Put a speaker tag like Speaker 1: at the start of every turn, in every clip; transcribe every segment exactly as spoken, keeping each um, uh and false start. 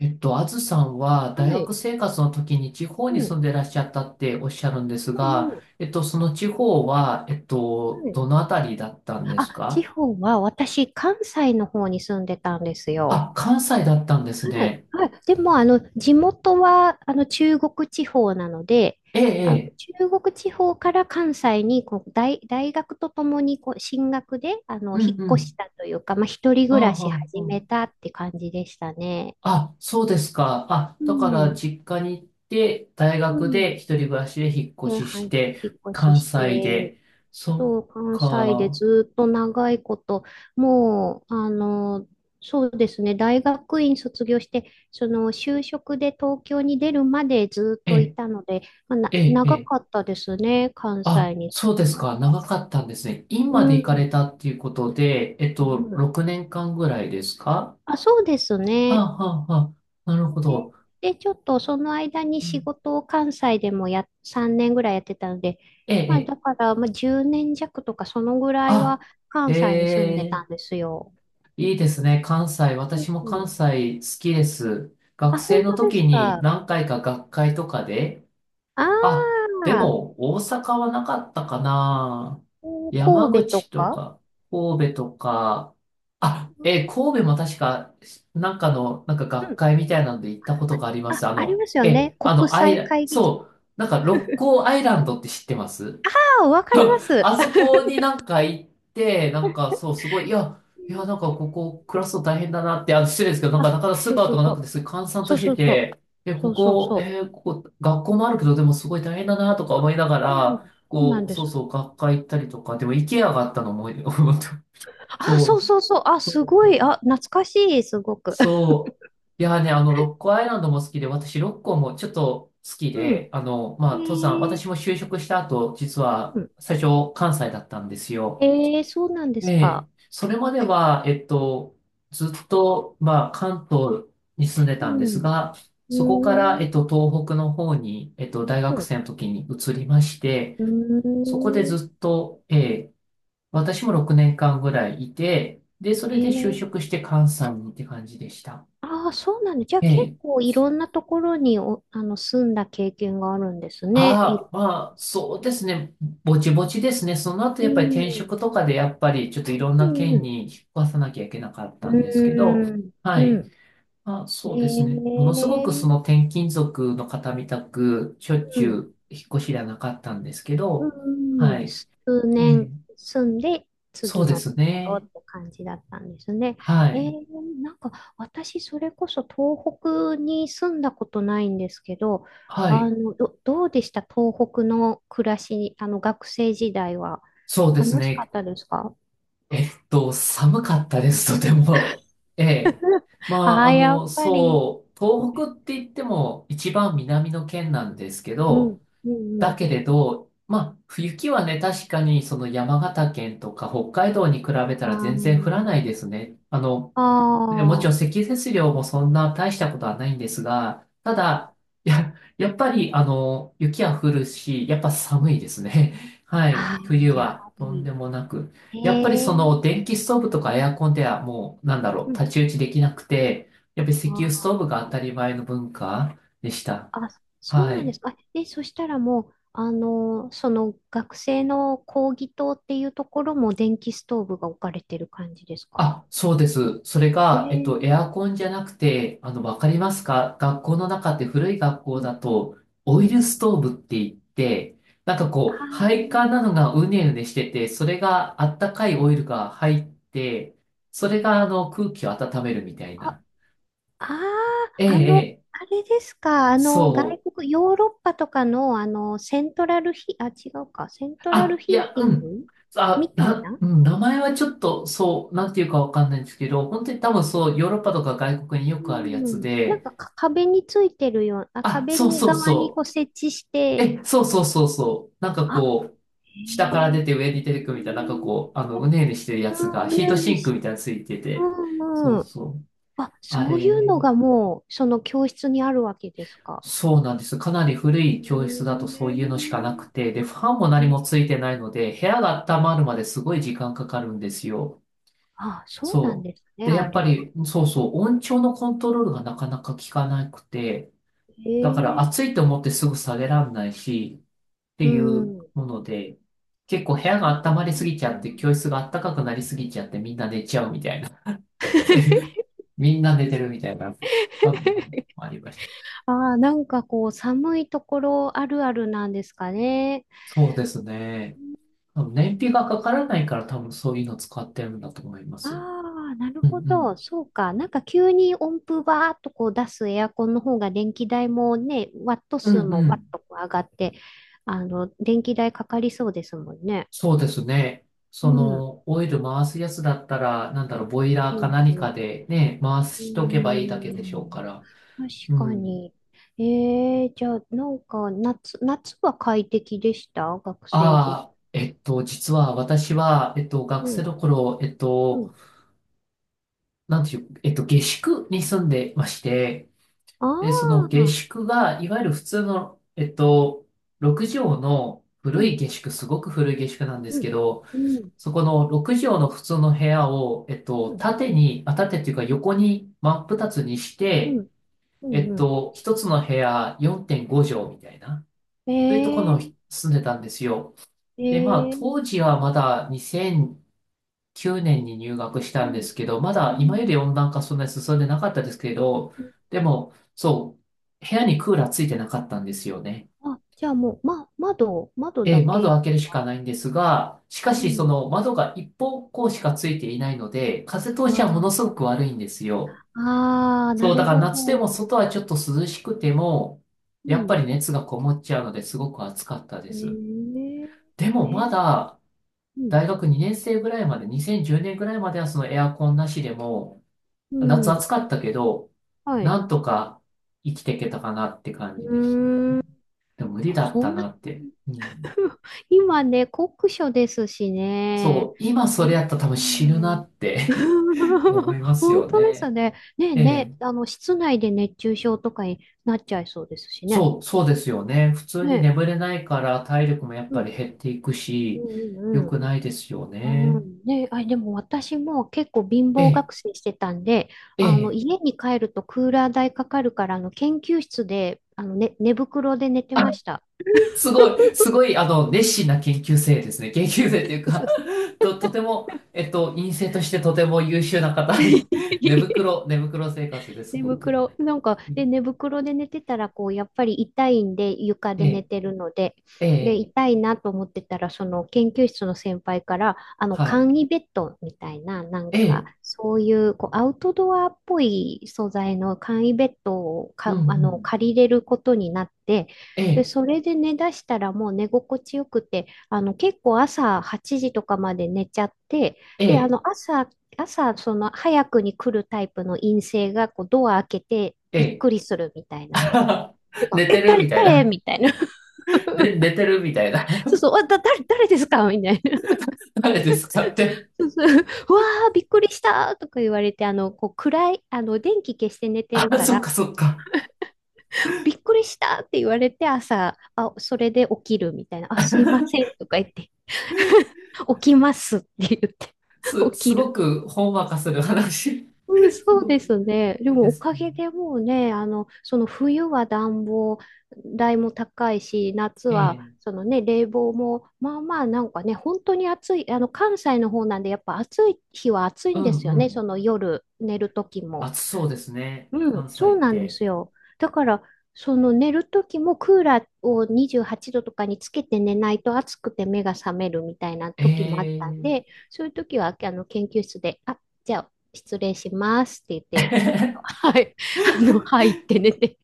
Speaker 1: えっと、あずさんは
Speaker 2: は
Speaker 1: 大学
Speaker 2: い。
Speaker 1: 生活の時に地方
Speaker 2: う
Speaker 1: に住
Speaker 2: ん。
Speaker 1: んでらっしゃったっておっしゃるんです
Speaker 2: うんう
Speaker 1: が、
Speaker 2: ん。
Speaker 1: えっと、その地方は、えっ
Speaker 2: は
Speaker 1: と、
Speaker 2: い。
Speaker 1: どのあたりだったんで
Speaker 2: あ、
Speaker 1: す
Speaker 2: 地
Speaker 1: か？
Speaker 2: 方は私、関西の方に住んでたんですよ。
Speaker 1: あ、関西だったんです
Speaker 2: はい。
Speaker 1: ね。
Speaker 2: はい。でも、あの、地元は、あの、中国地方なので、
Speaker 1: ええ、え
Speaker 2: あの、
Speaker 1: え、
Speaker 2: 中国地方から関西にこう大、大学とともにこう進学で、あの、
Speaker 1: う
Speaker 2: 引
Speaker 1: ん
Speaker 2: っ
Speaker 1: う
Speaker 2: 越し
Speaker 1: ん。
Speaker 2: たというか、まあ、一人
Speaker 1: あ
Speaker 2: 暮らし
Speaker 1: あ、
Speaker 2: 始め
Speaker 1: あ
Speaker 2: たって感じでしたね。
Speaker 1: あ、ああそうですか。あ、
Speaker 2: う
Speaker 1: だから
Speaker 2: ん。
Speaker 1: 実家に行って、大
Speaker 2: う
Speaker 1: 学
Speaker 2: ん。
Speaker 1: で一人暮らしで引っ
Speaker 2: で、
Speaker 1: 越し
Speaker 2: は
Speaker 1: し
Speaker 2: い、
Speaker 1: て、
Speaker 2: 引っ越し
Speaker 1: 関
Speaker 2: し
Speaker 1: 西
Speaker 2: て、
Speaker 1: で。そっ
Speaker 2: そう、関西で
Speaker 1: か。
Speaker 2: ずっと長いこと、もう、あの、そうですね、大学院卒業して、その就職で東京に出るまでずっ
Speaker 1: え
Speaker 2: とい
Speaker 1: え、
Speaker 2: たので、まあ、な、
Speaker 1: ええ、
Speaker 2: 長
Speaker 1: え、
Speaker 2: かったですね、関
Speaker 1: あ、
Speaker 2: 西に住
Speaker 1: そうで
Speaker 2: む
Speaker 1: す
Speaker 2: の。
Speaker 1: か。長かったんですね。今
Speaker 2: う
Speaker 1: まで行かれ
Speaker 2: ん。
Speaker 1: たっていうことで、えっ
Speaker 2: う
Speaker 1: と、
Speaker 2: ん。
Speaker 1: ろくねんかんぐらいですか？
Speaker 2: あ、そうです
Speaker 1: は
Speaker 2: ね。
Speaker 1: あ、はあ、はあ。なるほ
Speaker 2: で、
Speaker 1: ど。
Speaker 2: で、ちょっとその間に
Speaker 1: う
Speaker 2: 仕
Speaker 1: ん、
Speaker 2: 事を関西でもや、さんねんぐらいやってたので、
Speaker 1: ええ、
Speaker 2: まあ、
Speaker 1: え
Speaker 2: だ
Speaker 1: え。
Speaker 2: から、まあ、じゅうねん弱とかそのぐらい
Speaker 1: あ、
Speaker 2: は
Speaker 1: え
Speaker 2: 関西に住んで
Speaker 1: え、
Speaker 2: たんですよ。
Speaker 1: いいですね。関西。
Speaker 2: う
Speaker 1: 私も関
Speaker 2: ん。
Speaker 1: 西好きです。学
Speaker 2: あ、
Speaker 1: 生
Speaker 2: 本
Speaker 1: の
Speaker 2: 当で
Speaker 1: 時
Speaker 2: す
Speaker 1: に
Speaker 2: か。
Speaker 1: 何回か学会とかで、
Speaker 2: あ
Speaker 1: あ、で
Speaker 2: あ、
Speaker 1: も、大阪はなかったかな。
Speaker 2: う
Speaker 1: 山
Speaker 2: 神戸と
Speaker 1: 口と
Speaker 2: か。
Speaker 1: か、神戸とか、あ、えー神戸も確か、なんかの、なんか
Speaker 2: う
Speaker 1: 学
Speaker 2: ん。
Speaker 1: 会みたいなんで行ったことがありま
Speaker 2: あ、
Speaker 1: す。あ
Speaker 2: あり
Speaker 1: の、
Speaker 2: ますよ
Speaker 1: え
Speaker 2: ね。
Speaker 1: ーあ
Speaker 2: 国
Speaker 1: の、アイ
Speaker 2: 際
Speaker 1: ラ、
Speaker 2: 会議場。
Speaker 1: そう、なんか、六甲アイランドって知ってます
Speaker 2: ああ、わかり
Speaker 1: あ
Speaker 2: ます。
Speaker 1: そこになんか行って、なんかそう、すごい、いや、いや、なんかここ暮らすの大変だなって、あの、失礼ですけど、なんか
Speaker 2: あ、
Speaker 1: なかなかスー
Speaker 2: そう
Speaker 1: パー
Speaker 2: そ
Speaker 1: と
Speaker 2: う
Speaker 1: か
Speaker 2: そ
Speaker 1: なくて、
Speaker 2: う。
Speaker 1: すごい閑散
Speaker 2: そ
Speaker 1: と
Speaker 2: う
Speaker 1: して
Speaker 2: そうそう。
Speaker 1: て、え、
Speaker 2: そ
Speaker 1: こ
Speaker 2: うそう
Speaker 1: こ、
Speaker 2: そう。
Speaker 1: えーここ、学校もあるけど、でもすごい大変だなとか思いなが
Speaker 2: そうなんで
Speaker 1: ら、
Speaker 2: す。そうな
Speaker 1: こ
Speaker 2: ん
Speaker 1: う、
Speaker 2: で
Speaker 1: そう
Speaker 2: す。
Speaker 1: そう、学会行ったりとか、でも、イケアがあったの思い、思った。
Speaker 2: あ、
Speaker 1: そ
Speaker 2: そ
Speaker 1: う、
Speaker 2: うそうそう。あ、
Speaker 1: そ
Speaker 2: す
Speaker 1: う
Speaker 2: ごい。あ、
Speaker 1: そう。
Speaker 2: 懐かしい、すごく。
Speaker 1: そう。いやね、あの、ロッコアイランドも好きで、私、ロッコもちょっと好き
Speaker 2: うん。
Speaker 1: で、あの、ま
Speaker 2: え
Speaker 1: あ、登山、
Speaker 2: ー、
Speaker 1: 私も就職した後、実は、
Speaker 2: うん。
Speaker 1: 最初、関西だったんですよ。
Speaker 2: えー、そうなんで
Speaker 1: え
Speaker 2: す
Speaker 1: え、
Speaker 2: か。
Speaker 1: それまでは、えっと、ずっと、まあ、関東に住んで
Speaker 2: う
Speaker 1: たんです
Speaker 2: ん。
Speaker 1: が、
Speaker 2: う
Speaker 1: そこから、
Speaker 2: ー
Speaker 1: えっ
Speaker 2: ん。
Speaker 1: と、東北の方に、えっと、大学生の時に移りまし
Speaker 2: う
Speaker 1: て、そこで
Speaker 2: ー
Speaker 1: ず
Speaker 2: ん。
Speaker 1: っと、ええ、私もろくねんかんぐらいいて、で、そ
Speaker 2: え
Speaker 1: れで就
Speaker 2: ー。
Speaker 1: 職して関西にって感じでした。
Speaker 2: ああ、そうなんだ。じゃあ
Speaker 1: え
Speaker 2: 結
Speaker 1: え、
Speaker 2: 構いろんなところにお、あの、住んだ経験があるんですね。い、
Speaker 1: ああ、まあ、そうですね、ぼちぼちですね。その後、
Speaker 2: う
Speaker 1: やっぱり転
Speaker 2: ん、
Speaker 1: 職とかで、やっぱり、ちょっといろん
Speaker 2: う
Speaker 1: な県
Speaker 2: ん、
Speaker 1: に引っ越さなきゃいけなかっ
Speaker 2: う
Speaker 1: たんですけど、
Speaker 2: ん、
Speaker 1: は
Speaker 2: う
Speaker 1: い。
Speaker 2: ん。
Speaker 1: あ、そうですね。
Speaker 2: へ
Speaker 1: ものすごくその
Speaker 2: え、
Speaker 1: 転勤族の方みたく、しょっ
Speaker 2: う
Speaker 1: ちゅ
Speaker 2: ん、
Speaker 1: う引っ越しではなかったんですけど、
Speaker 2: う
Speaker 1: は
Speaker 2: ん。
Speaker 1: い。
Speaker 2: 数
Speaker 1: ええ、
Speaker 2: 年住んで、
Speaker 1: そ
Speaker 2: 次
Speaker 1: うで
Speaker 2: のと
Speaker 1: す
Speaker 2: ころっ
Speaker 1: ね。
Speaker 2: て感じだったんですね。
Speaker 1: は
Speaker 2: え
Speaker 1: い。
Speaker 2: ー、なんか私、それこそ東北に住んだことないんですけど、
Speaker 1: は
Speaker 2: あ
Speaker 1: い。
Speaker 2: の、ど、どうでした東北の暮らし、あの、学生時代は。
Speaker 1: そうです
Speaker 2: 楽しかっ
Speaker 1: ね。
Speaker 2: たですか？
Speaker 1: えっと、寒かったです、とても。ええ。ま
Speaker 2: あ
Speaker 1: あ、
Speaker 2: あ、
Speaker 1: あ
Speaker 2: やっ
Speaker 1: の、
Speaker 2: ぱり。
Speaker 1: そう、東北って言っても一番南の県なんですけ
Speaker 2: うん、
Speaker 1: ど、
Speaker 2: うん、う
Speaker 1: だ
Speaker 2: ん。
Speaker 1: けれど、まあ、雪はね、確かにその山形県とか北海道に比べ
Speaker 2: あ
Speaker 1: たら全然降らない
Speaker 2: ー。
Speaker 1: ですね。あの、
Speaker 2: あ
Speaker 1: で、もちろん
Speaker 2: ー、
Speaker 1: 積雪量もそんな大したことはないんですが、ただ、や、やっぱり、あの、雪は降るし、やっぱ寒いですね。はい。
Speaker 2: あね
Speaker 1: 冬
Speaker 2: ー、や
Speaker 1: は
Speaker 2: は
Speaker 1: とん
Speaker 2: り。
Speaker 1: でもなく。やっぱり
Speaker 2: へえ。
Speaker 1: その電気ストーブとかエアコンではもう、なんだろう、
Speaker 2: う
Speaker 1: 太
Speaker 2: ん。
Speaker 1: 刀打ちできなくて、やっぱり石
Speaker 2: あ
Speaker 1: 油ストーブが当
Speaker 2: ー。
Speaker 1: たり前の文化でした。
Speaker 2: あ、そう
Speaker 1: は
Speaker 2: なんで
Speaker 1: い。
Speaker 2: すか。あえ、そしたらもう、あの、その学生の講義棟っていうところも電気ストーブが置かれてる感じですか？
Speaker 1: あ、そうです。それ
Speaker 2: え
Speaker 1: が、えっと、エ
Speaker 2: ー、
Speaker 1: アコンじゃなくて、あの、わかりますか？学校の中って古い学校
Speaker 2: うん、
Speaker 1: だと、
Speaker 2: う
Speaker 1: オイ
Speaker 2: ん。
Speaker 1: ルストーブって言って、なんか
Speaker 2: あ
Speaker 1: こう、配
Speaker 2: ー。
Speaker 1: 管なのがうねうねしてて、それがあったかいオイルが入って、それがあの、空気を温めるみたい
Speaker 2: あ。
Speaker 1: な。
Speaker 2: ああ、
Speaker 1: ええ、
Speaker 2: あの、
Speaker 1: ええ、
Speaker 2: あれですか。あの、外
Speaker 1: そう。
Speaker 2: 国、ヨーロッパとかの、あの、セントラルヒ、あ、違うか。セントラル
Speaker 1: あ、い
Speaker 2: ヒー
Speaker 1: や、
Speaker 2: テ
Speaker 1: う
Speaker 2: ィン
Speaker 1: ん。
Speaker 2: グみ
Speaker 1: あ、
Speaker 2: たい
Speaker 1: な、
Speaker 2: な。
Speaker 1: うん、名前はちょっと、そう、なんていうかわかんないんですけど、本当に多分そう、ヨーロッパとか外国によ
Speaker 2: う
Speaker 1: くあるやつ
Speaker 2: ん。なん
Speaker 1: で、
Speaker 2: か、か壁についてるような、あ
Speaker 1: あ、
Speaker 2: 壁
Speaker 1: そう
Speaker 2: に
Speaker 1: そう
Speaker 2: 側に
Speaker 1: そ
Speaker 2: こう
Speaker 1: う。
Speaker 2: 設置して、
Speaker 1: え、そうそうそうそう。なんか
Speaker 2: あ、
Speaker 1: こう、下から
Speaker 2: へ
Speaker 1: 出て
Speaker 2: え。
Speaker 1: 上に出てくみたいな、なんかこう、あの、うねうねしてるや
Speaker 2: う
Speaker 1: つが、
Speaker 2: ん、う
Speaker 1: ヒ
Speaker 2: ね
Speaker 1: ート
Speaker 2: うね
Speaker 1: シンク
Speaker 2: し、
Speaker 1: みたいなのついて
Speaker 2: う
Speaker 1: て。そ
Speaker 2: ん
Speaker 1: う
Speaker 2: うん。
Speaker 1: そう。
Speaker 2: あ、
Speaker 1: あ
Speaker 2: そういうの
Speaker 1: れ、
Speaker 2: がもう、その教室にあるわけですか？
Speaker 1: そうなんです。かなり古い教室だと
Speaker 2: へ
Speaker 1: そういうのしかなくて、で、ファンも
Speaker 2: え。
Speaker 1: 何も
Speaker 2: え、
Speaker 1: ついてないので、部屋が温まるまですごい時間かかるんですよ。
Speaker 2: あ、そうなん
Speaker 1: そう。
Speaker 2: ですね、
Speaker 1: で、や
Speaker 2: あ
Speaker 1: っぱ
Speaker 2: れは。
Speaker 1: り、そうそう、音調のコントロールがなかなか効かなくて、
Speaker 2: へ
Speaker 1: だから
Speaker 2: え。
Speaker 1: 暑いと思ってすぐ下げらんないし、って
Speaker 2: う
Speaker 1: いう
Speaker 2: ん。
Speaker 1: もので、結構
Speaker 2: あ、
Speaker 1: 部屋
Speaker 2: そ
Speaker 1: が温まりすぎちゃ
Speaker 2: う
Speaker 1: っ
Speaker 2: なんだ。
Speaker 1: て、教室が暖かくなりすぎちゃって、みんな寝ちゃうみたいな。そういう、みんな寝てるみたいな、あ、ありました。
Speaker 2: あー、なんかこう、寒いところあるあるなんですかね。
Speaker 1: そうですね。多分燃費がかからないから多分そういうの使ってるんだと思いま
Speaker 2: あ
Speaker 1: す。
Speaker 2: あ、なる
Speaker 1: う
Speaker 2: ほ
Speaker 1: んう
Speaker 2: ど。
Speaker 1: ん。
Speaker 2: そうか。なんか急に温風バーっとこう出すエアコンの方が電気代もね、ワット
Speaker 1: う
Speaker 2: 数
Speaker 1: んう
Speaker 2: もワッ
Speaker 1: ん。
Speaker 2: とこう上がって、あの、電気代かかりそうですもんね。
Speaker 1: そうですね。
Speaker 2: う
Speaker 1: そ
Speaker 2: ん。
Speaker 1: の、オイル回すやつだったら、なんだろう、ボイラ
Speaker 2: じ
Speaker 1: ーか
Speaker 2: わ
Speaker 1: 何
Speaker 2: じ
Speaker 1: か
Speaker 2: わ。
Speaker 1: でね、回
Speaker 2: うー
Speaker 1: しとけばいいだけでしょうか
Speaker 2: ん。
Speaker 1: ら。
Speaker 2: 確
Speaker 1: う
Speaker 2: か
Speaker 1: ん。
Speaker 2: に。えー、じゃあ、なんか夏、夏は快適でした学生時？
Speaker 1: ああ、えっと、実は私は、えっと、
Speaker 2: う
Speaker 1: 学生
Speaker 2: ん。
Speaker 1: の頃、えっ
Speaker 2: う
Speaker 1: と、
Speaker 2: ん。
Speaker 1: なんていう、えっと、下宿に住んでまして、
Speaker 2: あ
Speaker 1: で、その下
Speaker 2: あ。
Speaker 1: 宿が、いわゆる普通の、えっと、ろく畳の
Speaker 2: う
Speaker 1: 古
Speaker 2: ん、
Speaker 1: い下宿、すごく古い下宿なんで
Speaker 2: う
Speaker 1: すけ
Speaker 2: ん、
Speaker 1: ど、
Speaker 2: うん、
Speaker 1: そこのろく畳の普通の部屋を、えっと、
Speaker 2: うん、
Speaker 1: 縦に、あ、縦っていうか横に真っ二つにし
Speaker 2: う
Speaker 1: て、
Speaker 2: ん、う
Speaker 1: えっ
Speaker 2: ん、う
Speaker 1: と、一つの部屋よんてんご畳みたいな、
Speaker 2: ん。
Speaker 1: というとこ
Speaker 2: え
Speaker 1: ろ
Speaker 2: ー、
Speaker 1: に住んでたんですよ。で、まあ、
Speaker 2: え
Speaker 1: 当
Speaker 2: ー、
Speaker 1: 時はまだにせんきゅうねんに入学し
Speaker 2: う
Speaker 1: たんで
Speaker 2: ん、
Speaker 1: すけど、ま
Speaker 2: う
Speaker 1: だ今よ
Speaker 2: ん。
Speaker 1: り温暖化そんなに進んでなかったですけど、でも、そう、部屋にクーラーついてなかったんですよね。
Speaker 2: あ、じゃあもう、ま、窓、窓
Speaker 1: え
Speaker 2: だ
Speaker 1: ー、窓を
Speaker 2: け。
Speaker 1: 開けるしかないんですが、しか
Speaker 2: う
Speaker 1: しそ
Speaker 2: ん。
Speaker 1: の窓が一方向しかついていないので、風通しはものす
Speaker 2: あ
Speaker 1: ごく悪いんですよ。
Speaker 2: あ、ああ、な
Speaker 1: そう、だ
Speaker 2: る
Speaker 1: から
Speaker 2: ほど。
Speaker 1: 夏でも外はちょっと涼しくても、
Speaker 2: う
Speaker 1: やっぱ
Speaker 2: ん。
Speaker 1: り熱がこもっちゃうのですごく暑かったで
Speaker 2: え
Speaker 1: す。
Speaker 2: ー、
Speaker 1: で
Speaker 2: え
Speaker 1: もま
Speaker 2: ー、
Speaker 1: だ
Speaker 2: うん、
Speaker 1: 大学にねん生ぐらいまで、にせんじゅうねんぐらいまではそのエアコンなしでも、
Speaker 2: う
Speaker 1: 夏暑
Speaker 2: ん。
Speaker 1: かったけど、
Speaker 2: はい。
Speaker 1: なんとか生きていけたかなって感
Speaker 2: う
Speaker 1: じでした。
Speaker 2: ーん。
Speaker 1: でも無理
Speaker 2: あ
Speaker 1: だっ
Speaker 2: そ
Speaker 1: た
Speaker 2: んな
Speaker 1: な
Speaker 2: 感
Speaker 1: って。
Speaker 2: じ。
Speaker 1: うん、
Speaker 2: 今ね、酷暑ですしね。
Speaker 1: そう、今
Speaker 2: う
Speaker 1: それやったら多分死ぬな
Speaker 2: ん。
Speaker 1: って 思い ます
Speaker 2: 本
Speaker 1: よ
Speaker 2: 当です
Speaker 1: ね。
Speaker 2: ね。ねえ
Speaker 1: え
Speaker 2: ね
Speaker 1: え、
Speaker 2: え、あの、室内で熱中症とかになっちゃいそうですしね。
Speaker 1: そう、そうですよね。普通に
Speaker 2: ねえ、
Speaker 1: 眠れないから体力もやっ
Speaker 2: う
Speaker 1: ぱ
Speaker 2: ん、
Speaker 1: り減っていく
Speaker 2: う
Speaker 1: し、良
Speaker 2: ん、う
Speaker 1: くないですよ
Speaker 2: ん、う
Speaker 1: ね。
Speaker 2: ん。ねえ、あ、でも私も結構貧
Speaker 1: え
Speaker 2: 乏
Speaker 1: え、
Speaker 2: 学生してたんで、
Speaker 1: え
Speaker 2: あの、
Speaker 1: え。
Speaker 2: 家に帰るとクーラー代かかるから、あの、研究室で、あの、ね、寝袋で寝てました。
Speaker 1: すごい、すごい、あの、熱心な研究生ですね。研究生という
Speaker 2: そ
Speaker 1: か
Speaker 2: うそう。
Speaker 1: と、とても、えっと、院生としてとても優秀な方。寝袋、寝袋生活です、す
Speaker 2: 寝
Speaker 1: ごく。
Speaker 2: 袋、なんか、で、寝袋で寝てたら、こう、やっぱり痛いんで、床
Speaker 1: え
Speaker 2: で寝
Speaker 1: え、
Speaker 2: てるので、
Speaker 1: え
Speaker 2: で、
Speaker 1: え、
Speaker 2: 痛いなと思ってたら、その研究室の先輩から、あの、
Speaker 1: は
Speaker 2: 簡
Speaker 1: い。
Speaker 2: 易ベッドみたいな、なん
Speaker 1: え
Speaker 2: か、
Speaker 1: え、
Speaker 2: そういう、こう、アウトドアっぽい素材の簡易ベッドを
Speaker 1: うん
Speaker 2: か、あ
Speaker 1: う
Speaker 2: の、
Speaker 1: ん。
Speaker 2: 借りれることになって、
Speaker 1: え
Speaker 2: で、
Speaker 1: え、
Speaker 2: それで寝だしたらもう寝心地よくて、あの、結構朝はちじとかまで寝ちゃって、
Speaker 1: え
Speaker 2: で、あ
Speaker 1: え、
Speaker 2: の、朝朝、その早くに来るタイプの陰性がこうドア開けて
Speaker 1: え
Speaker 2: びっ
Speaker 1: え。
Speaker 2: くりするみたいな。てか
Speaker 1: 寝
Speaker 2: え、
Speaker 1: てる
Speaker 2: 誰、
Speaker 1: みたい
Speaker 2: 誰
Speaker 1: な。
Speaker 2: みたいな。
Speaker 1: で、寝てるみたいな。
Speaker 2: そうそう、あだ、誰、誰ですかみたいな。
Speaker 1: 誰ですかって。
Speaker 2: そうそう。うわー、びっくりしたとか言われて、あの、こう暗い、あの、電気消して寝 て
Speaker 1: あ、
Speaker 2: るか
Speaker 1: そっ
Speaker 2: ら、
Speaker 1: かそっか。
Speaker 2: びっくりしたって言われて朝、あ、それで起きるみたいな。あ、すいませんとか言って、起きますって言って、
Speaker 1: す、
Speaker 2: 起
Speaker 1: す
Speaker 2: き
Speaker 1: ご
Speaker 2: る。
Speaker 1: くほんわかする話。
Speaker 2: うん、
Speaker 1: す
Speaker 2: そう
Speaker 1: ご
Speaker 2: で
Speaker 1: く
Speaker 2: すね。で
Speaker 1: いい
Speaker 2: も
Speaker 1: で
Speaker 2: お
Speaker 1: す
Speaker 2: か
Speaker 1: ね。
Speaker 2: げでもうね、あの、その冬は暖房代も高いし、夏
Speaker 1: え
Speaker 2: は
Speaker 1: え、
Speaker 2: そのね、冷房も、まあまあなんかね、本当に暑い、あの、関西の方なんで、やっぱ暑い日は暑い
Speaker 1: う
Speaker 2: んで
Speaker 1: ん
Speaker 2: すよ
Speaker 1: う
Speaker 2: ね、
Speaker 1: ん。
Speaker 2: その夜寝る時も。
Speaker 1: 暑そうですね。
Speaker 2: うん、
Speaker 1: 関西
Speaker 2: そう
Speaker 1: っ
Speaker 2: なんで
Speaker 1: て。
Speaker 2: すよ。だから、その寝る時もクーラーをにじゅうはちどとかにつけて寝ないと暑くて目が覚めるみたいな時もあったん
Speaker 1: え
Speaker 2: で、そういう時はあの研究室で、あ、じゃあ失礼しますって言って、
Speaker 1: え
Speaker 2: はい、あの、はいって寝て、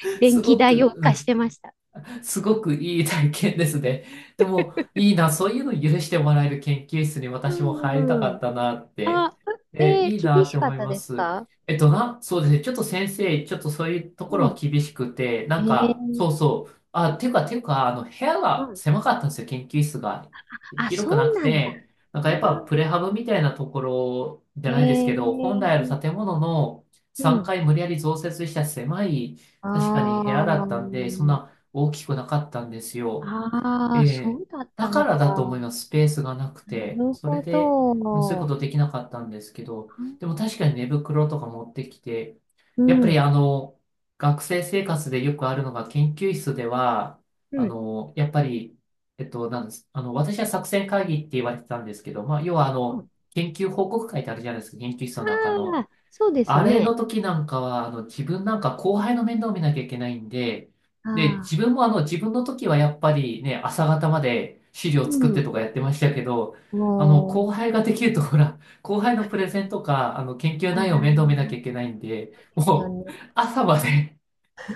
Speaker 2: 電
Speaker 1: す
Speaker 2: 気
Speaker 1: ご
Speaker 2: 代を
Speaker 1: く、
Speaker 2: 浮
Speaker 1: う
Speaker 2: かし
Speaker 1: ん、
Speaker 2: てました。
Speaker 1: すごくいい体験ですね。でも、いいな、そういうの許してもらえる研究室に
Speaker 2: う
Speaker 1: 私も入りた
Speaker 2: んう
Speaker 1: かっ
Speaker 2: ん。
Speaker 1: たなって。
Speaker 2: あ、
Speaker 1: え、
Speaker 2: え
Speaker 1: いい
Speaker 2: ー、
Speaker 1: な
Speaker 2: 厳
Speaker 1: って
Speaker 2: しか
Speaker 1: 思
Speaker 2: っ
Speaker 1: い
Speaker 2: た
Speaker 1: ま
Speaker 2: です
Speaker 1: す。
Speaker 2: か？
Speaker 1: えっとな、そうですね。ちょっと先生、ちょっとそういうところ
Speaker 2: う
Speaker 1: は
Speaker 2: ん。
Speaker 1: 厳しくて、
Speaker 2: え
Speaker 1: なんか、そう
Speaker 2: ー、
Speaker 1: そう。あ、ていうか、ていうか、あの、部屋
Speaker 2: う
Speaker 1: が
Speaker 2: ん。
Speaker 1: 狭かったんですよ。研究室が。
Speaker 2: あ、
Speaker 1: 広
Speaker 2: そ
Speaker 1: くな
Speaker 2: う
Speaker 1: く
Speaker 2: なんだ。
Speaker 1: て、なんかやっぱ
Speaker 2: あ
Speaker 1: プレハブみたいなところじゃ
Speaker 2: ー。
Speaker 1: ないです
Speaker 2: え
Speaker 1: けど、本来あ
Speaker 2: ー、
Speaker 1: る建物の
Speaker 2: う
Speaker 1: 3
Speaker 2: ん。
Speaker 1: 階無理やり増設した狭い、
Speaker 2: あ
Speaker 1: 確かに部屋だったんで、そんな
Speaker 2: ー。
Speaker 1: 大きくなかったんですよ。
Speaker 2: あ
Speaker 1: え
Speaker 2: ー、そ
Speaker 1: え、
Speaker 2: うだっ
Speaker 1: だ
Speaker 2: た
Speaker 1: か
Speaker 2: の
Speaker 1: ら
Speaker 2: か。
Speaker 1: だと思います。スペースがなくて。
Speaker 2: なる
Speaker 1: それ
Speaker 2: ほ
Speaker 1: で、うん、そういうこ
Speaker 2: ど。
Speaker 1: とできなかったんですけど、
Speaker 2: うん。
Speaker 1: でも確かに寝袋とか持ってきて、
Speaker 2: う
Speaker 1: やっぱり
Speaker 2: ん
Speaker 1: あの、学生生活でよくあるのが研究室では、あの、やっぱり、えっと、なんです。あの、私は作戦会議って言われてたんですけど、まあ、要はあ
Speaker 2: う
Speaker 1: の、
Speaker 2: ん。
Speaker 1: 研究報告会ってあるじゃないですか、研究室の中
Speaker 2: あ
Speaker 1: の。
Speaker 2: あ、そうです
Speaker 1: あれの
Speaker 2: ね。
Speaker 1: 時なんかは、あの、自分なんか後輩の面倒を見なきゃいけないんで、で、
Speaker 2: あ
Speaker 1: 自
Speaker 2: あ、
Speaker 1: 分もあの、自分の時はやっぱりね、朝方まで資
Speaker 2: う
Speaker 1: 料作って
Speaker 2: ん。
Speaker 1: とかやってましたけど、あの、後
Speaker 2: も
Speaker 1: 輩ができると、ほら、後輩のプレゼンとか、あの、研究
Speaker 2: う、あ
Speaker 1: 内容を面倒
Speaker 2: あ、
Speaker 1: 見なきゃいけないんで、
Speaker 2: そうですよ
Speaker 1: もう、
Speaker 2: ね。
Speaker 1: 朝まで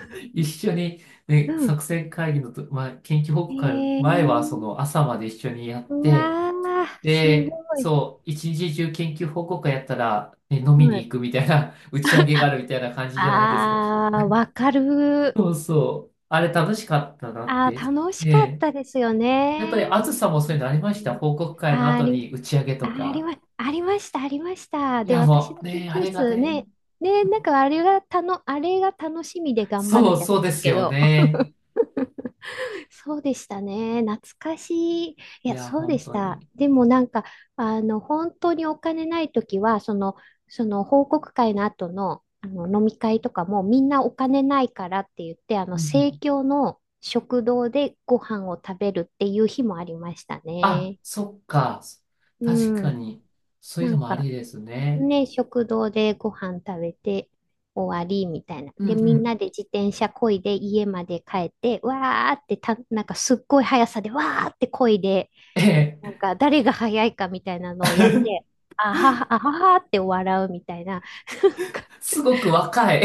Speaker 1: 一緒に、
Speaker 2: う
Speaker 1: ね、
Speaker 2: ん。
Speaker 1: 作戦会議のと、まあ、研究報告会の前は、そ
Speaker 2: ええ。
Speaker 1: の、朝まで一緒にやっ
Speaker 2: う
Speaker 1: て、
Speaker 2: わあ、すご
Speaker 1: で、
Speaker 2: い。
Speaker 1: そう、一日中研究報告会やったら、ね、飲み
Speaker 2: う
Speaker 1: に
Speaker 2: ん。
Speaker 1: 行くみたいな、打ち上げがあるみたいな感じじゃないですか。
Speaker 2: ああ、わかる。
Speaker 1: そうそう。あれ楽しかったなっ
Speaker 2: あ
Speaker 1: て。
Speaker 2: あ、楽し
Speaker 1: え
Speaker 2: かっ
Speaker 1: え。
Speaker 2: たですよ
Speaker 1: やっぱり、
Speaker 2: ね。
Speaker 1: あずさもそういうのありました？報告会の
Speaker 2: ああ、あ
Speaker 1: 後
Speaker 2: り
Speaker 1: に打ち上げ
Speaker 2: あ、
Speaker 1: と
Speaker 2: あり
Speaker 1: か。
Speaker 2: ま、ありました、ありました。
Speaker 1: い
Speaker 2: で、
Speaker 1: や、
Speaker 2: 私
Speaker 1: もう、
Speaker 2: の研
Speaker 1: ね、あ
Speaker 2: 究
Speaker 1: れが
Speaker 2: 室
Speaker 1: ね。
Speaker 2: ね、ね、なんかあれがたの、あれが楽しみで頑張る
Speaker 1: そう、
Speaker 2: じゃな
Speaker 1: そう
Speaker 2: い
Speaker 1: で
Speaker 2: です
Speaker 1: す
Speaker 2: け
Speaker 1: よ
Speaker 2: ど、
Speaker 1: ね。
Speaker 2: そうでしたね。懐かしい。い
Speaker 1: い
Speaker 2: や、
Speaker 1: や、
Speaker 2: そうで
Speaker 1: 本
Speaker 2: し
Speaker 1: 当
Speaker 2: た。
Speaker 1: に。
Speaker 2: でもなんか、あの、本当にお金ないときは、その、その報告会の後の、あの飲み会とかもみんなお金ないからって言って、あの、
Speaker 1: うんう
Speaker 2: 生
Speaker 1: ん。
Speaker 2: 協の食堂でご飯を食べるっていう日もありました
Speaker 1: あ、
Speaker 2: ね。
Speaker 1: そっか。
Speaker 2: う
Speaker 1: 確か
Speaker 2: ん。
Speaker 1: に。そういう
Speaker 2: な
Speaker 1: の
Speaker 2: ん
Speaker 1: もあ
Speaker 2: か、
Speaker 1: りですね。
Speaker 2: ね、食堂でご飯食べて終わりみたいな。
Speaker 1: うん
Speaker 2: で、
Speaker 1: う
Speaker 2: みんな
Speaker 1: ん。
Speaker 2: で自転車漕いで家まで帰って、わーってた、なんかすっごい速さでわーって漕いで、
Speaker 1: え
Speaker 2: なん
Speaker 1: え。
Speaker 2: か誰が速いかみたいなのをやって、あはは、あははって笑うみたいな。
Speaker 1: すごく若い。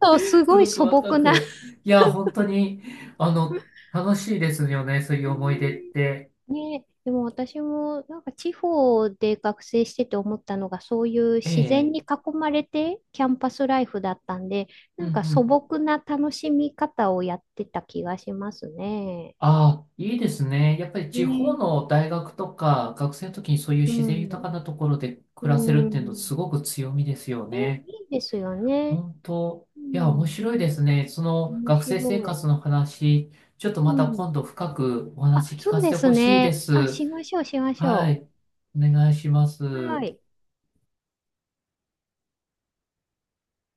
Speaker 2: そう、す
Speaker 1: す
Speaker 2: ごい
Speaker 1: ごく
Speaker 2: 素
Speaker 1: 若
Speaker 2: 朴な。
Speaker 1: く。いや、本当に、あの、楽しいですよね、そういう
Speaker 2: う
Speaker 1: 思い出っ
Speaker 2: ん。
Speaker 1: て。
Speaker 2: ね、でも私もなんか地方で学生してて思ったのがそういう
Speaker 1: え
Speaker 2: 自然
Speaker 1: え、
Speaker 2: に囲まれてキャンパスライフだったんで、
Speaker 1: うん
Speaker 2: な
Speaker 1: う
Speaker 2: んか素
Speaker 1: ん。
Speaker 2: 朴な楽しみ方をやってた気がしますね。
Speaker 1: ああ、いいですね。やっぱり地方
Speaker 2: ね、
Speaker 1: の大学とか、学生の時にそういう
Speaker 2: う
Speaker 1: 自然豊
Speaker 2: ん、
Speaker 1: かなところで
Speaker 2: う
Speaker 1: 暮らせるっていうの、す
Speaker 2: ん。
Speaker 1: ごく強みですよ
Speaker 2: え、
Speaker 1: ね。
Speaker 2: いいですよね。
Speaker 1: 本当。
Speaker 2: う
Speaker 1: いや、面
Speaker 2: ん、
Speaker 1: 白いですね。その
Speaker 2: 面
Speaker 1: 学
Speaker 2: 白
Speaker 1: 生生
Speaker 2: い。
Speaker 1: 活の話、ちょっと
Speaker 2: う
Speaker 1: また
Speaker 2: ん。
Speaker 1: 今度深くお
Speaker 2: あ、
Speaker 1: 話聞
Speaker 2: そ
Speaker 1: か
Speaker 2: う
Speaker 1: せ
Speaker 2: で
Speaker 1: て
Speaker 2: す
Speaker 1: ほしいで
Speaker 2: ね。あ、
Speaker 1: す。
Speaker 2: しましょう、しまし
Speaker 1: は
Speaker 2: ょ
Speaker 1: い。お願いしま
Speaker 2: う。は
Speaker 1: す。
Speaker 2: い。